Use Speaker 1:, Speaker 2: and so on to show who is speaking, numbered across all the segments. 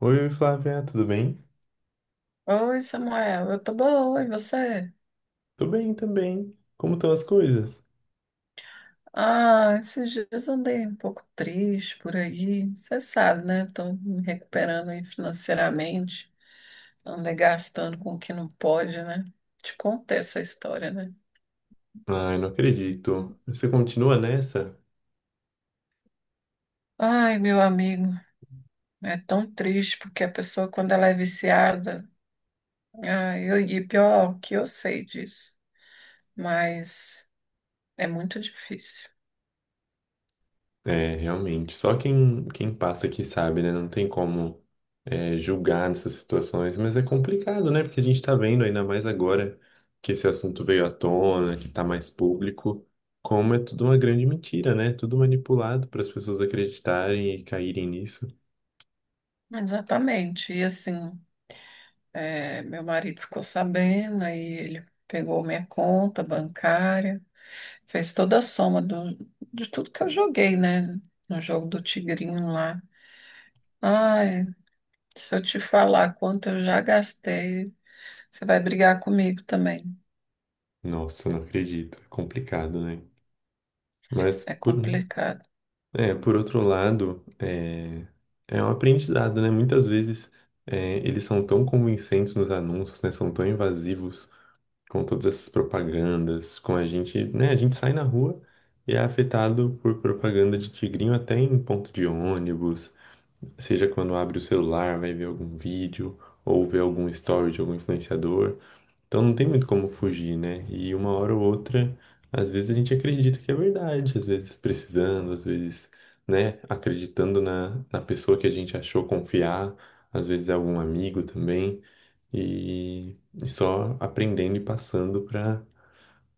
Speaker 1: Oi, Flávia, tudo bem?
Speaker 2: Oi, Samuel, eu tô boa, e você?
Speaker 1: Tô bem também. Como estão as coisas?
Speaker 2: Ah, esses dias eu andei um pouco triste por aí. Você sabe, né? Tô me recuperando aí financeiramente. Andei gastando com o que não pode, né? Te contei essa história, né?
Speaker 1: Ai, não acredito. Você continua nessa?
Speaker 2: Ai, meu amigo, é tão triste porque a pessoa, quando ela é viciada, e pior que eu sei disso, mas é muito difícil.
Speaker 1: É, realmente. Só quem passa aqui sabe, né? Não tem como julgar nessas situações, mas é complicado, né? Porque a gente tá vendo, ainda mais agora que esse assunto veio à tona, que tá mais público, como é tudo uma grande mentira, né? Tudo manipulado para as pessoas acreditarem e caírem nisso.
Speaker 2: Exatamente, e assim. É, meu marido ficou sabendo, aí ele pegou minha conta bancária, fez toda a soma do, de tudo que eu joguei, né? No jogo do Tigrinho lá. Ai, se eu te falar quanto eu já gastei, você vai brigar comigo também.
Speaker 1: Nossa, não acredito. É complicado, né? Mas
Speaker 2: É
Speaker 1: por,
Speaker 2: complicado.
Speaker 1: Por outro lado, é um aprendizado, né? Muitas vezes eles são tão convincentes nos anúncios, né? São tão invasivos com todas essas propagandas, com a gente, né? A gente sai na rua e é afetado por propaganda de tigrinho até em ponto de ônibus, seja quando abre o celular, vai ver algum vídeo ou vê algum story de algum influenciador. Então não tem muito como fugir, né? E uma hora ou outra, às vezes a gente acredita que é verdade, às vezes precisando, às vezes, né, acreditando na pessoa que a gente achou confiar, às vezes é algum amigo também, e, e só aprendendo e passando para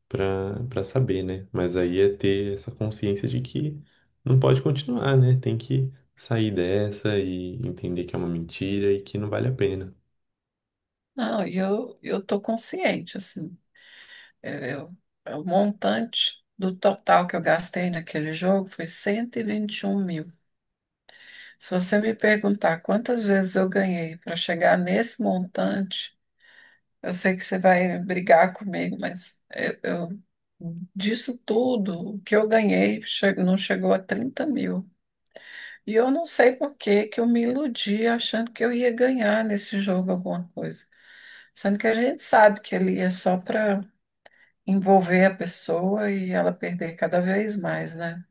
Speaker 1: para para saber, né? Mas aí é ter essa consciência de que não pode continuar, né? Tem que sair dessa e entender que é uma mentira e que não vale a pena.
Speaker 2: Não, e eu tô consciente, assim. É, é o montante do total que eu gastei naquele jogo foi cento e vinte e um mil. Se você me perguntar quantas vezes eu ganhei para chegar nesse montante, eu sei que você vai brigar comigo, disso tudo, o que eu ganhei não chegou a 30.000. E eu não sei por que que eu me iludi achando que eu ia ganhar nesse jogo alguma coisa. Sendo que a gente sabe que ele é só para envolver a pessoa e ela perder cada vez mais, né?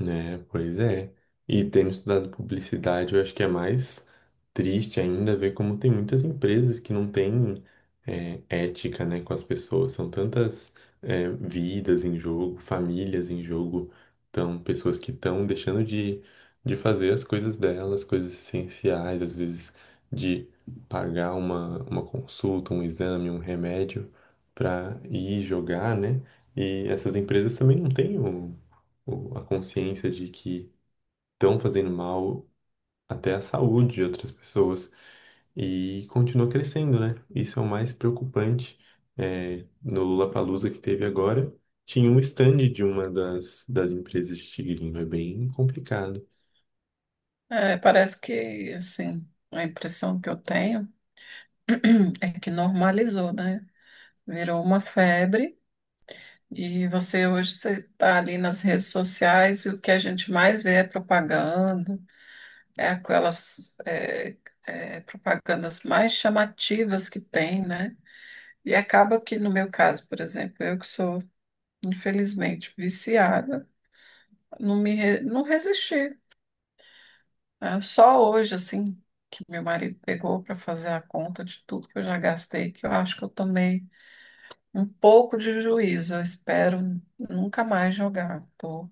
Speaker 1: É, pois é. E tendo estudado publicidade, eu acho que é mais triste ainda ver como tem muitas empresas que não têm ética, né, com as pessoas. São tantas vidas em jogo, famílias em jogo, tão, pessoas que estão deixando de fazer as coisas delas, coisas essenciais, às vezes de pagar uma consulta, um exame, um remédio para ir jogar, né? E essas empresas também não têm a consciência de que estão fazendo mal até à saúde de outras pessoas e continua crescendo, né? Isso é o mais preocupante. É, no Lollapalooza que teve agora, tinha um stand de uma das empresas de tigrinho. É bem complicado.
Speaker 2: É, parece que, assim, a impressão que eu tenho é que normalizou, né? Virou uma febre. E você hoje você está ali nas redes sociais e o que a gente mais vê é propaganda, é aquelas propagandas mais chamativas que tem, né? E acaba que no meu caso, por exemplo, eu que sou infelizmente viciada, não resisti. Né? Só hoje assim que meu marido pegou para fazer a conta de tudo que eu já gastei, que eu acho que eu tomei um pouco de juízo. Eu espero nunca mais jogar. Tô,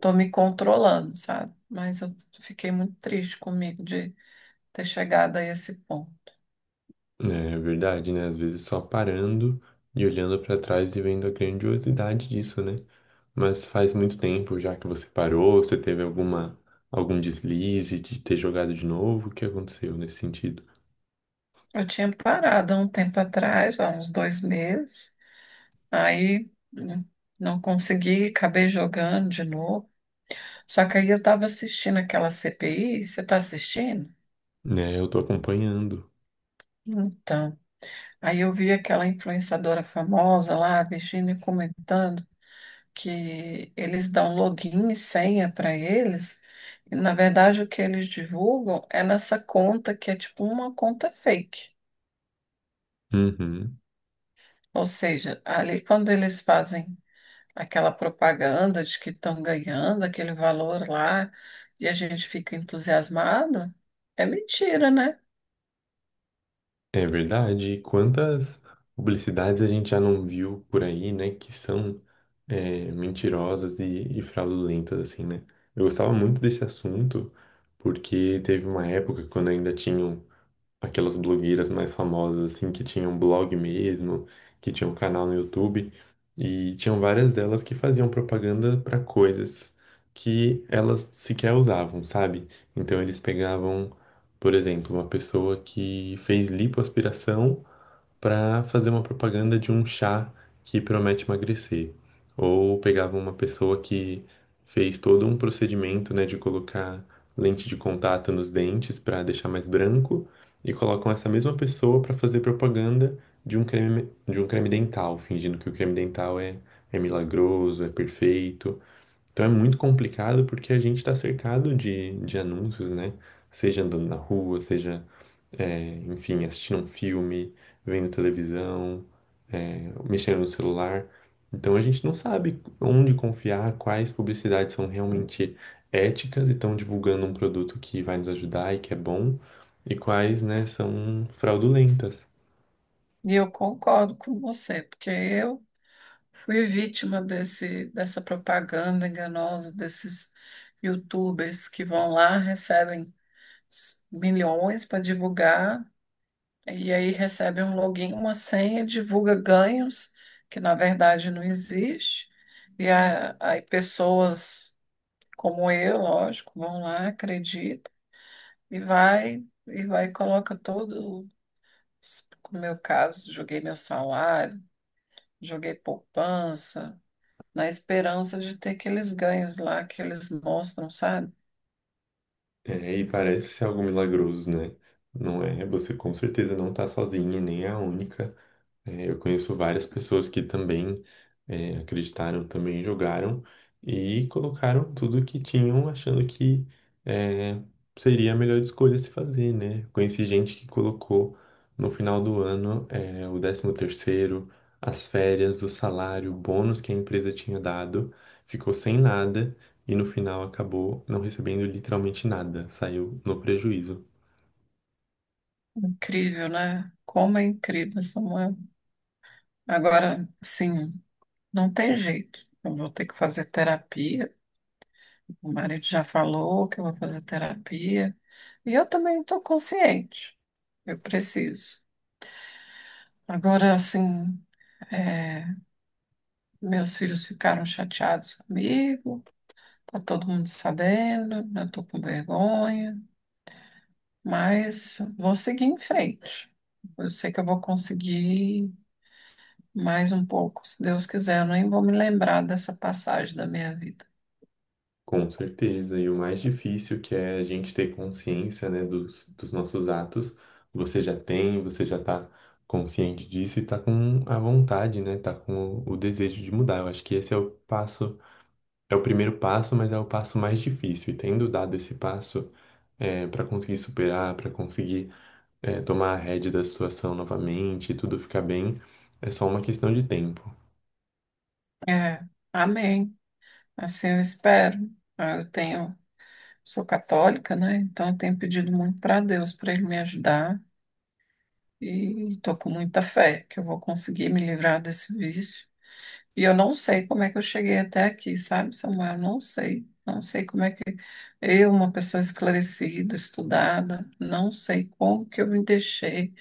Speaker 2: tô me controlando, sabe? Mas eu fiquei muito triste comigo de ter chegado a esse ponto.
Speaker 1: Né? É verdade, né? Às vezes só parando e olhando para trás e vendo a grandiosidade disso, né? Mas faz muito tempo já que você parou, você teve alguma algum deslize de ter jogado de novo, o que aconteceu nesse sentido?
Speaker 2: Eu tinha parado há um tempo atrás, há uns 2 meses, aí né, não consegui, acabei jogando de novo. Só que aí eu estava assistindo aquela CPI, você está assistindo?
Speaker 1: Né, eu tô acompanhando.
Speaker 2: Então, aí eu vi aquela influenciadora famosa lá, a Virginia, comentando que eles dão login e senha para eles. E, na verdade, o que eles divulgam é nessa conta que é tipo uma conta fake.
Speaker 1: Uhum.
Speaker 2: Ou seja, ali quando eles fazem aquela propaganda de que estão ganhando aquele valor lá e a gente fica entusiasmado, é mentira, né?
Speaker 1: É verdade. Quantas publicidades a gente já não viu por aí, né? Que são mentirosas e fraudulentas, assim, né? Eu gostava muito desse assunto, porque teve uma época quando ainda tinham. Aquelas blogueiras mais famosas, assim, que tinham blog mesmo, que tinham canal no YouTube, e tinham várias delas que faziam propaganda para coisas que elas sequer usavam, sabe? Então eles pegavam, por exemplo, uma pessoa que fez lipoaspiração para fazer uma propaganda de um chá que promete emagrecer. Ou pegava uma pessoa que fez todo um procedimento, né, de colocar lente de contato nos dentes para deixar mais branco e colocam essa mesma pessoa para fazer propaganda de um creme dental, fingindo que o creme dental é milagroso, é perfeito. Então é muito complicado porque a gente está cercado de anúncios, né? Seja andando na rua, seja enfim, assistindo um filme, vendo televisão, mexendo no celular. Então a gente não sabe onde confiar, quais publicidades são realmente éticas e estão divulgando um produto que vai nos ajudar e que é bom, e quais, né, são fraudulentas.
Speaker 2: E eu concordo com você, porque eu fui vítima dessa propaganda enganosa desses YouTubers que vão lá, recebem bilhões para divulgar, e aí recebe um login, uma senha, divulga ganhos, que na verdade não existe, e aí pessoas como eu, lógico, vão lá, acreditam, e vai, e vai e coloca todo, no meu caso, joguei meu salário, joguei poupança, na esperança de ter aqueles ganhos lá que eles mostram, sabe?
Speaker 1: É, e parece ser algo milagroso, né? Não é, você com certeza não tá sozinha, e nem é a única. É, eu conheço várias pessoas que também acreditaram, também jogaram e colocaram tudo que tinham, achando que é, seria a melhor escolha a se fazer, né? Conheci gente que colocou no final do ano o décimo terceiro, as férias, o salário, o bônus que a empresa tinha dado, ficou sem nada e no final acabou não recebendo literalmente nada, saiu no prejuízo.
Speaker 2: Incrível, né? Como é incrível, Samuel. Agora, sim. Não tem jeito. Eu vou ter que fazer terapia. O marido já falou que eu vou fazer terapia. E eu também estou consciente. Eu preciso. Agora, assim, é, meus filhos ficaram chateados comigo. Tá todo mundo sabendo. Eu estou com vergonha. Mas vou seguir em frente. Eu sei que eu vou conseguir mais um pouco, se Deus quiser. Eu nem vou me lembrar dessa passagem da minha vida.
Speaker 1: Com certeza. E o mais difícil que é a gente ter consciência, né, dos, dos nossos atos, você já tem, você já tá consciente disso e tá com a vontade, né, tá com o desejo de mudar. Eu acho que esse é o passo, é o primeiro passo, mas é o passo mais difícil. E tendo dado esse passo, para conseguir superar, para conseguir, tomar a rédea da situação novamente e tudo ficar bem, é só uma questão de tempo.
Speaker 2: É, amém. Assim eu espero. Ah, eu tenho, sou católica, né? Então eu tenho pedido muito para Deus para ele me ajudar e estou com muita fé que eu vou conseguir me livrar desse vício. E eu não sei como é que eu cheguei até aqui, sabe, Samuel? Não sei. Não sei como é que eu, uma pessoa esclarecida, estudada, não sei como que eu me deixei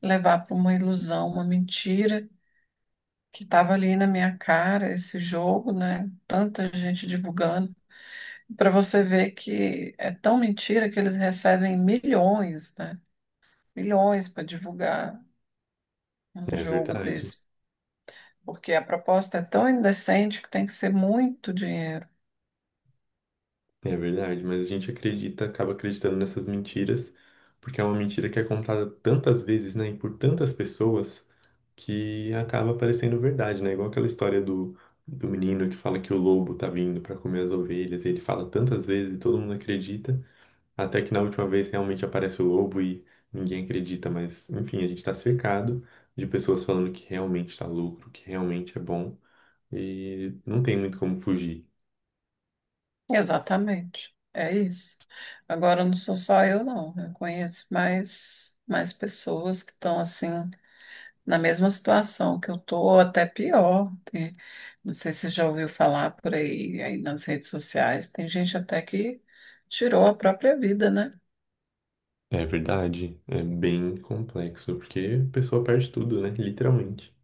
Speaker 2: levar para uma ilusão, uma mentira que estava ali na minha cara, esse jogo, né? Tanta gente divulgando. Para você ver que é tão mentira que eles recebem milhões, né? Milhões para divulgar um
Speaker 1: Né, é
Speaker 2: jogo
Speaker 1: verdade.
Speaker 2: desse, porque a proposta é tão indecente que tem que ser muito dinheiro.
Speaker 1: É verdade, mas a gente acredita, acaba acreditando nessas mentiras, porque é uma mentira que é contada tantas vezes, né, e por tantas pessoas, que acaba parecendo verdade, né? Igual aquela história do, do menino que fala que o lobo tá vindo pra comer as ovelhas, e ele fala tantas vezes e todo mundo acredita, até que na última vez realmente aparece o lobo e ninguém acredita, mas enfim, a gente tá cercado de pessoas falando que realmente tá lucro, que realmente é bom, e não tem muito como fugir.
Speaker 2: Exatamente, é isso. Agora não sou só eu, não. Eu conheço mais pessoas que estão assim na mesma situação que eu tô, até pior. Não sei se você já ouviu falar por aí, nas redes sociais. Tem gente até que tirou a própria vida, né?
Speaker 1: É verdade, é bem complexo, porque a pessoa perde tudo, né? Literalmente.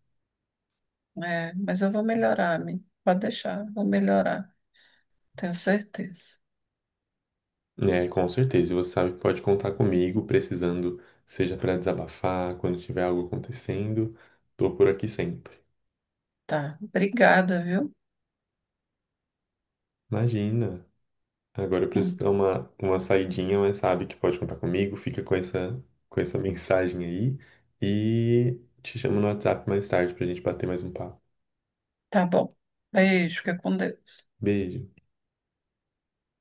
Speaker 2: É, mas eu vou melhorar, amigo. Pode deixar, vou melhorar. Tenho certeza.
Speaker 1: É, com certeza, e você sabe que pode contar comigo, precisando, seja para desabafar, quando tiver algo acontecendo, tô por aqui sempre.
Speaker 2: Tá. Obrigada, viu?
Speaker 1: Imagina, agora eu preciso
Speaker 2: Hum.
Speaker 1: dar uma saidinha, mas sabe que pode contar comigo, fica com essa mensagem aí, e te chamo no WhatsApp mais tarde pra gente bater mais um papo.
Speaker 2: Tá bom. Beijo, fica com Deus.
Speaker 1: Beijo.